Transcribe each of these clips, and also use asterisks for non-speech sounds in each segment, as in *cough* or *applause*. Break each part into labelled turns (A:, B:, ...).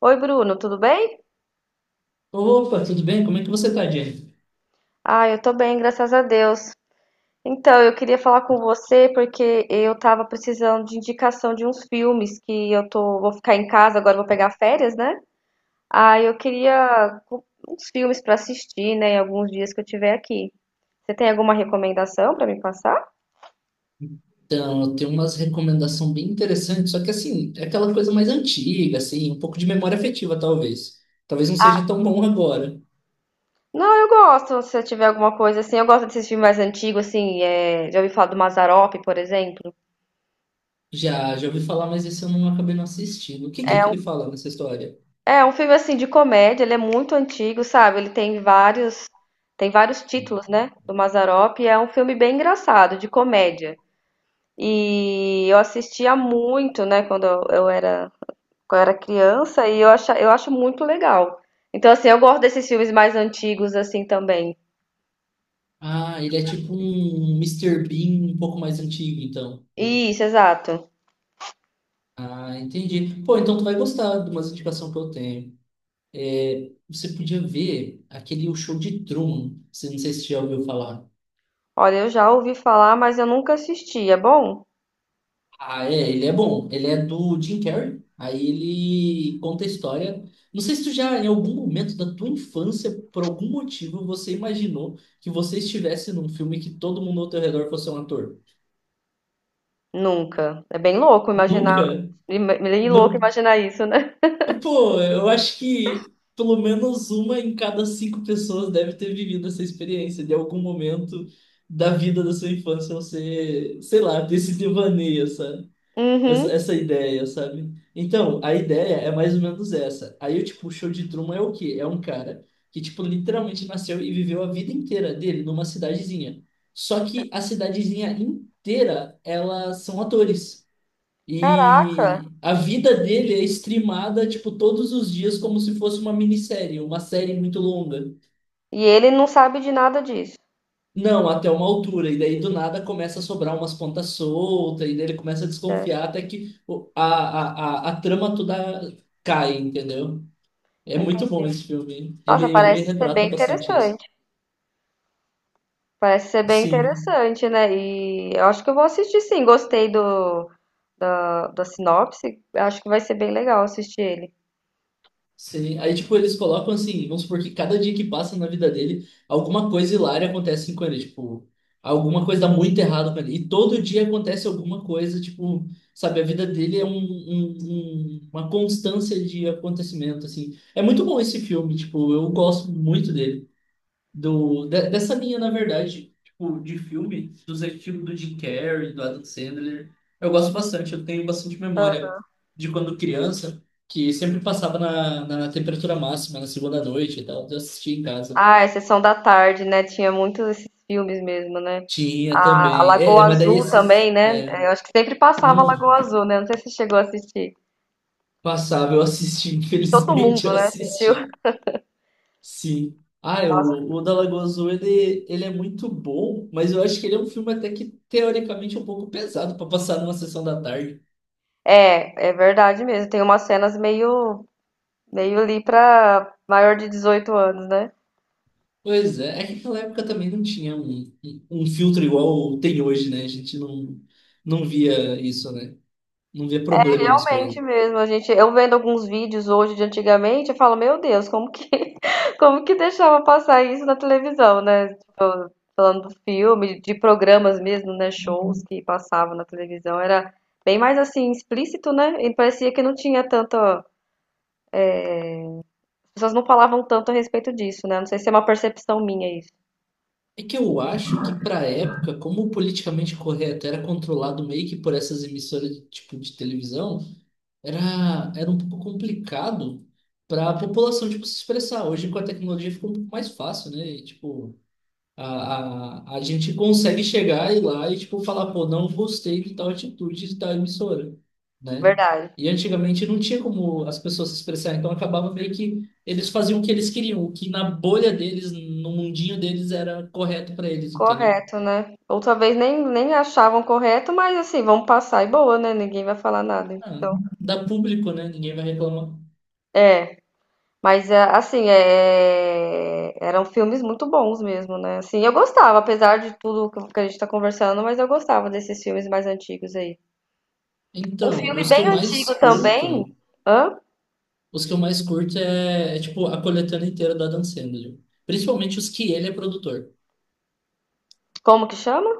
A: Oi, Bruno, tudo bem?
B: Opa, tudo bem? Como é que você tá, Jenny?
A: Ah, eu tô bem, graças a Deus. Então, eu queria falar com você porque eu tava precisando de indicação de uns filmes que vou ficar em casa agora, vou pegar férias, né? Ah, eu queria uns filmes pra assistir, né, em alguns dias que eu tiver aqui. Você tem alguma recomendação pra me passar?
B: Então, eu tenho umas recomendações bem interessantes, só que assim, é aquela coisa mais antiga, assim, um pouco de memória afetiva, talvez. Talvez não seja
A: Ah,
B: tão bom agora.
A: não, eu gosto, se eu tiver alguma coisa assim, eu gosto desses filmes mais antigos, assim, já ouvi falar do Mazzaropi, por exemplo.
B: Já, já ouvi falar, mas esse eu não acabei não assistindo. O que que é
A: É
B: que
A: um
B: ele fala nessa história?
A: é um filme assim de comédia, ele é muito antigo, sabe? Ele tem vários títulos, né, do Mazzaropi, e é um filme bem engraçado, de comédia. E eu assistia muito, né, quando eu era criança e eu acho muito legal. Então assim, eu gosto desses filmes mais antigos assim também.
B: Ah, ele é tipo um Mister Bean um pouco mais antigo, então.
A: Isso, exato.
B: Ah, entendi. Pô, então tu vai gostar de umas indicações que eu tenho. É, você podia ver aquele O Show de Truman, se não sei se você já ouviu falar.
A: Olha, eu já ouvi falar, mas eu nunca assisti. É bom?
B: Ah, é, ele é bom. Ele é do Jim Carrey. Aí ele conta a história. Não sei se tu já, em algum momento da tua infância, por algum motivo, você imaginou que você estivesse num filme que todo mundo ao teu redor fosse um ator.
A: Nunca.
B: Nunca.
A: Bem louco
B: Não.
A: imaginar isso, né?
B: Pô, eu acho que pelo menos uma em cada cinco pessoas deve ter vivido essa experiência de algum momento da vida da sua infância, você, sei lá, ter esse devaneio, sabe? Essa,
A: Uhum.
B: essa ideia, sabe? Então, a ideia é mais ou menos essa. Aí, eu, tipo, o show de Truman é o quê? É um cara que, tipo, literalmente nasceu e viveu a vida inteira dele numa cidadezinha. Só que a cidadezinha inteira, elas são atores.
A: Caraca.
B: E a vida dele é streamada, tipo, todos os dias como se fosse uma minissérie, uma série muito longa.
A: E ele não sabe de nada disso.
B: Não, até uma altura, e daí do nada começa a sobrar umas pontas soltas, e daí ele começa a
A: É,
B: desconfiar até que a trama toda cai, entendeu? É muito bom
A: entendi.
B: esse filme. Ele,
A: Nossa,
B: ele
A: parece ser
B: retrata
A: bem
B: bastante isso.
A: interessante. Parece ser bem
B: Sim.
A: interessante, né? E eu acho que eu vou assistir sim. Gostei da sinopse. Acho que vai ser bem legal assistir ele.
B: Sim, aí tipo, eles colocam assim, vamos supor que cada dia que passa na vida dele, alguma coisa hilária acontece com ele, tipo, alguma coisa dá muito errado com ele. E todo dia acontece alguma coisa, tipo, sabe, a vida dele é uma constância de acontecimento, assim. É muito bom esse filme, tipo, eu gosto muito dele dessa linha, na verdade, tipo, de filme, dos estilos do Jim Carrey, do Adam Sandler. Eu gosto bastante, eu tenho bastante memória
A: Ah,
B: de quando criança, que sempre passava na temperatura máxima, na segunda noite e tal, eu assistia em casa.
A: ah, é Sessão da Tarde, né? Tinha muitos esses filmes mesmo, né?
B: Tinha
A: A
B: também. É,
A: Lagoa
B: mas daí
A: Azul
B: esses.
A: também, né? É, eu acho que sempre passava a
B: Hum,
A: Lagoa Azul, né? Não sei se chegou a assistir.
B: passava, eu assisti, *laughs*
A: Todo
B: infelizmente
A: mundo,
B: eu
A: né? Assistiu.
B: assisti.
A: *laughs*
B: Sim. Ah, é, o,
A: Nossa.
B: o da Lagoa Azul, ele é muito bom, mas eu acho que ele é um filme até que teoricamente é um pouco pesado para passar numa sessão da tarde.
A: É, é verdade mesmo. Tem umas cenas meio. Veio ali pra maior de 18 anos, né?
B: Pois é, é que naquela época também não tinha um filtro igual tem hoje, né? A gente não via isso, né? Não via
A: É
B: problema nas
A: realmente
B: coisas.
A: mesmo, a gente, eu vendo alguns vídeos hoje de antigamente, eu falo, meu Deus, como que, *laughs* como que deixava passar isso na televisão, né? Tipo, falando do filme, de programas mesmo, né? Shows que passavam na televisão, era bem mais assim, explícito, né? E parecia que não tinha tanta, as pessoas não falavam tanto a respeito disso, né? Não sei se é uma percepção minha isso.
B: É que eu acho que pra época, como o politicamente correto era controlado meio que por essas emissoras de, tipo de televisão, era um pouco complicado pra população tipo se expressar. Hoje com a tecnologia ficou um pouco mais fácil, né? E, tipo, a gente consegue chegar e lá e tipo falar, pô, não gostei de tal atitude de tal emissora, né?
A: Verdade.
B: E antigamente não tinha como as pessoas se expressar, então acabava meio que eles faziam o que eles queriam, o que na bolha deles, no mundinho deles era correto para eles, entendeu?
A: Correto, né? Outra vez nem achavam correto, mas assim, vamos passar e boa, né? Ninguém vai falar nada.
B: Ah, dá público, né? Ninguém vai reclamar.
A: É, mas é, assim, é, eram filmes muito bons mesmo, né? Assim, eu gostava, apesar de tudo que a gente tá conversando, mas eu gostava desses filmes mais antigos aí. Um
B: Então,
A: filme
B: os que eu
A: bem
B: mais
A: antigo também,
B: curto,
A: hã?
B: os que eu mais curto é, é tipo a coletânea inteira do Adam Sandler, principalmente os que ele é produtor.
A: Como que chama?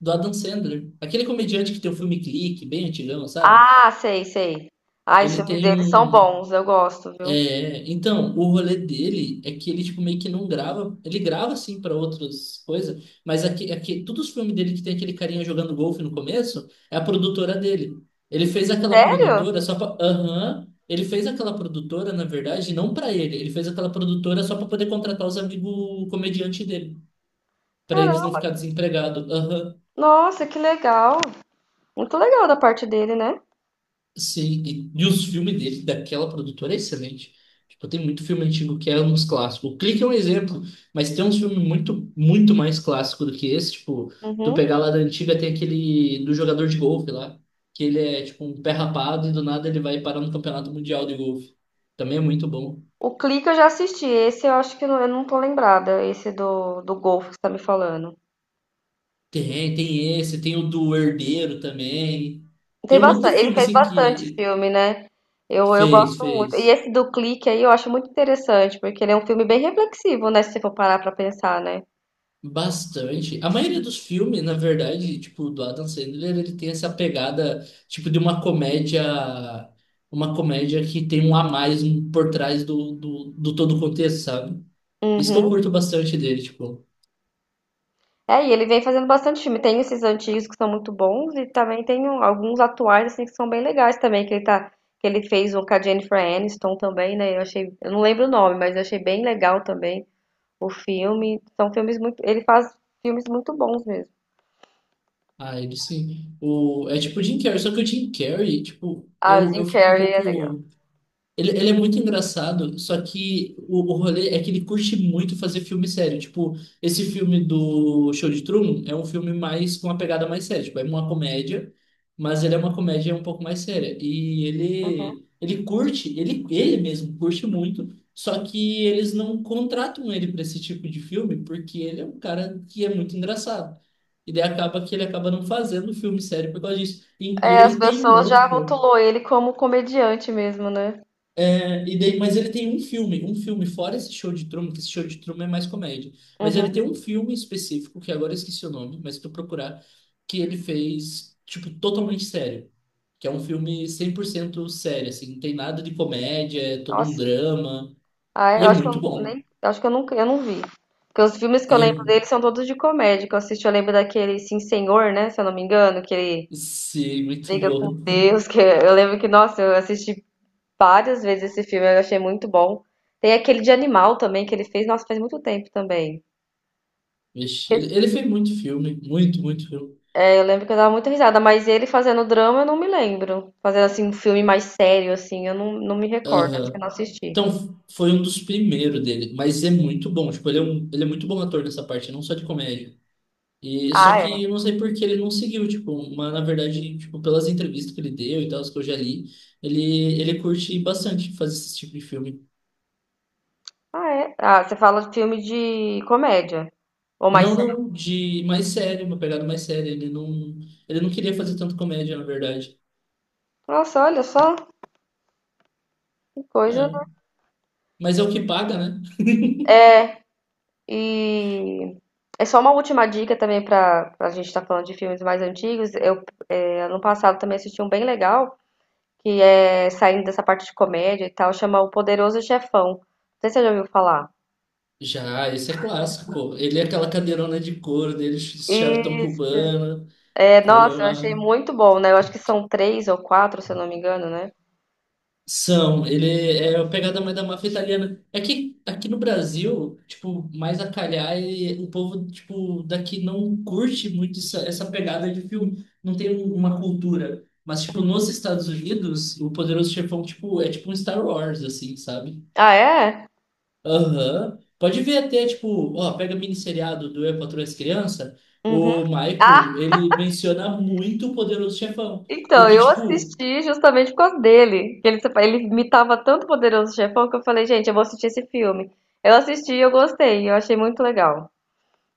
B: Do Adam Sandler. Aquele comediante que tem o filme Clique, bem antigão, sabe?
A: Ah, sei, sei. Ah, os
B: Ele
A: filmes
B: tem
A: deles são
B: um.
A: bons, eu gosto, viu?
B: É, então, o rolê dele é que ele, tipo, meio que não grava. Ele grava, assim, para outras coisas, mas aqui, todos os filmes dele que tem aquele carinha jogando golfe no começo é a produtora dele. Ele fez aquela
A: Sério?
B: produtora só pra. Aham. Ele fez aquela produtora, na verdade, não pra ele. Ele fez aquela produtora só pra poder contratar os amigos comediantes dele. Pra eles não
A: Caramba!
B: ficar desempregados.
A: Nossa, que legal! Muito legal da parte dele, né?
B: Sim, e, os filmes dele, daquela produtora, é excelente. Tipo, tem muito filme antigo que é uns clássicos. O Clique é um exemplo, mas tem uns filmes muito, muito mais clássicos do que esse. Tipo, tu
A: Uhum.
B: pegar lá da antiga, tem aquele do jogador de golfe lá, que ele é tipo um pé rapado e do nada ele vai parar no Campeonato Mundial de Golfe. Também é muito bom.
A: O Clique eu já assisti. Esse eu acho que eu não tô lembrada. Esse do Golfo que você tá me falando.
B: Tem esse, tem o do Herdeiro também.
A: Tem
B: Tem um monte
A: bastante,
B: de
A: ele
B: filme
A: fez
B: assim
A: bastante
B: que
A: filme, né? Eu
B: fez,
A: gosto muito. E
B: fez.
A: esse do Clique aí eu acho muito interessante, porque ele é um filme bem reflexivo, né? Se você for parar pra pensar, né?
B: Bastante. A maioria dos filmes, na verdade, tipo, do Adam Sandler, ele tem essa pegada, tipo, de uma comédia que tem um a mais por trás do todo o contexto, sabe? Isso que
A: Uhum.
B: eu curto bastante dele, tipo,
A: É, e ele vem fazendo bastante filme. Tem esses antigos que são muito bons e também tem alguns atuais assim que são bem legais também, que ele fez um com a Jennifer Aniston também, né? Eu achei, eu não lembro o nome, mas eu achei bem legal também. O filme, são filmes muito, ele faz filmes muito bons mesmo.
B: ah, ele sim. O, é tipo o Jim Carrey, só que o Jim Carrey, tipo,
A: Ah, o
B: eu,
A: Jim
B: eu fico um
A: Carrey é legal.
B: pouco. Ele é muito engraçado, só que o rolê é que ele curte muito fazer filme sério. Tipo, esse filme do Show de Truman é um filme mais com uma pegada mais séria. Tipo, é uma comédia, mas ele é uma comédia um pouco mais séria. E
A: Uhum.
B: ele, ele mesmo curte muito, só que eles não contratam ele para esse tipo de filme, porque ele é um cara que é muito engraçado. E daí acaba que ele acaba não fazendo filme sério por causa disso. E
A: É, as
B: ele tem um
A: pessoas já
B: outro.
A: rotulou ele como comediante mesmo, né?
B: E daí, mas ele tem um filme fora esse show de Truman, que esse show de Truman é mais comédia. Mas
A: Uhum.
B: ele tem um filme específico, que agora eu esqueci o nome, mas se tu procurar, que ele fez, tipo, totalmente sério. Que é um filme 100% sério, assim, não tem nada de comédia, é todo um
A: Nossa.
B: drama.
A: Ah,
B: E
A: eu
B: é
A: acho que
B: muito
A: eu
B: bom.
A: nem, acho que eu nunca, eu não vi. Porque os filmes que
B: E
A: eu
B: é,
A: lembro dele são todos de comédia que eu assisti. Eu lembro daquele Sim Senhor, né? Se eu não me engano, que ele
B: sim, muito
A: briga com
B: bom.
A: Deus. Que *laughs* eu lembro que, nossa, eu assisti várias vezes esse filme, eu achei muito bom. Tem aquele de animal também que ele fez, nossa, faz muito tempo também.
B: *laughs* Vixe, ele fez muito filme, muito, muito filme.
A: Eu lembro que eu dava muita risada, mas ele fazendo drama eu não me lembro. Fazendo assim um filme mais sério, assim, eu não me recordo, acho que eu
B: Aham.
A: não assisti.
B: Então, foi um dos primeiros dele, mas é muito bom. Tipo, ele é muito bom ator nessa parte, não só de comédia. E só
A: Ah, é.
B: que eu não sei por que ele não seguiu, tipo, mas na verdade, tipo, pelas entrevistas que ele deu e tal, as que eu já li, ele curte bastante fazer esse tipo de filme.
A: Ah, é. Ah, você fala de filme de comédia. Ou mais
B: Não,
A: sério.
B: não, de mais sério, uma pegada mais séria. Ele não queria fazer tanto comédia, na verdade.
A: Nossa, olha só, que coisa,
B: É,
A: né?
B: mas é o que paga, né?
A: É, e é só uma última dica também para a gente estar falando de filmes mais antigos. Eu ano passado também assisti um bem legal, que é saindo dessa parte de comédia e tal, chama O Poderoso Chefão. Não sei se você já ouviu falar.
B: Já, esse é clássico, pô. Ele é aquela cadeirona de couro dele, charutão cubano,
A: É,
B: pô, é
A: nossa, eu achei
B: uma.
A: muito bom, né? Eu acho que são três ou quatro, se eu não me engano, né?
B: São, ele é a pegada mais da máfia italiana. É que aqui no Brasil, tipo, mais a calhar, e o povo, tipo, daqui não curte muito essa pegada de filme. Não tem uma cultura. Mas, tipo, nos Estados Unidos, o Poderoso Chefão, tipo, é tipo um Star Wars, assim, sabe?
A: Ah, é?
B: Aham. Pode ver até, tipo, ó, pega minisseriado do Eu, Patroa e as Crianças,
A: Uhum.
B: o
A: Ah,
B: Michael, ele menciona muito o Poderoso Chefão.
A: então,
B: Porque,
A: eu
B: tipo,
A: assisti justamente por causa dele. Que ele imitava tanto o Poderoso Chefão que eu falei, gente, eu vou assistir esse filme. Eu assisti e eu gostei, eu achei muito legal.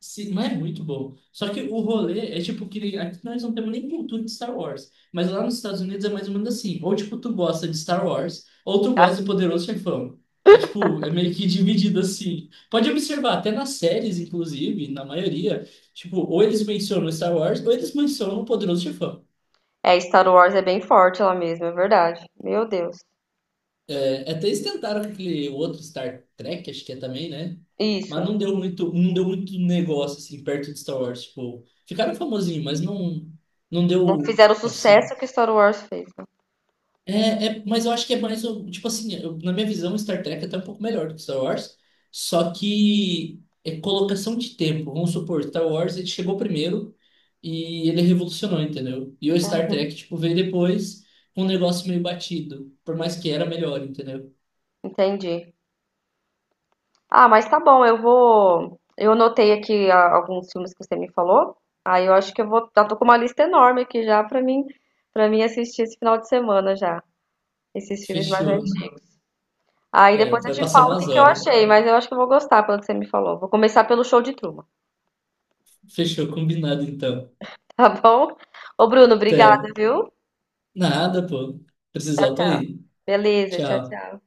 B: sim, mas é muito bom. Só que o rolê é tipo que nem- aqui nós não temos nem cultura de Star Wars. Mas lá nos Estados Unidos é mais ou menos assim. Ou tipo, tu gosta de Star Wars, ou tu gosta
A: Ah,
B: de Poderoso Chefão. É tipo, é meio que *laughs* dividido assim. Pode observar, até nas séries, inclusive, na maioria, tipo, ou eles mencionam Star Wars, ou eles mencionam o Poderoso Chefão.
A: é, Star Wars é bem forte lá mesmo, é verdade. Meu Deus.
B: É, até eles tentaram com aquele outro Star Trek, acho que é também, né? Mas
A: Isso.
B: não deu muito negócio, assim, perto de Star Wars. Tipo, ficaram famosinhos, mas não, não
A: Não
B: deu,
A: fizeram o sucesso
B: assim...
A: que Star Wars fez, né?
B: É, é, mas eu acho que é mais, tipo assim, na minha visão, Star Trek é até um pouco melhor do que Star Wars. Só que é colocação de tempo. Vamos supor, Star Wars, ele chegou primeiro e ele revolucionou, entendeu? E o Star Trek, tipo, veio depois com um negócio meio batido. Por mais que era melhor, entendeu?
A: Entendi. Ah, mas tá bom, eu vou. Eu anotei aqui alguns filmes que você me falou. Aí eu acho que eu vou. Já tô com uma lista enorme aqui já pra mim, para mim assistir esse final de semana já. Esses filmes mais, uhum,
B: Fechou.
A: antigos. Aí
B: É,
A: depois
B: tu
A: eu
B: vai
A: te
B: passar
A: falo o que
B: umas
A: que eu
B: horas.
A: achei, mas eu acho que eu vou gostar pelo que você me falou. Vou começar pelo Show de Truman,
B: Fechou, combinado então.
A: *laughs* tá bom? Ô, Bruno, obrigada,
B: Até.
A: viu?
B: Nada, pô. Precisar,
A: Tchau,
B: eu tô
A: tchau.
B: aí.
A: Beleza, tchau,
B: Tchau.
A: tchau.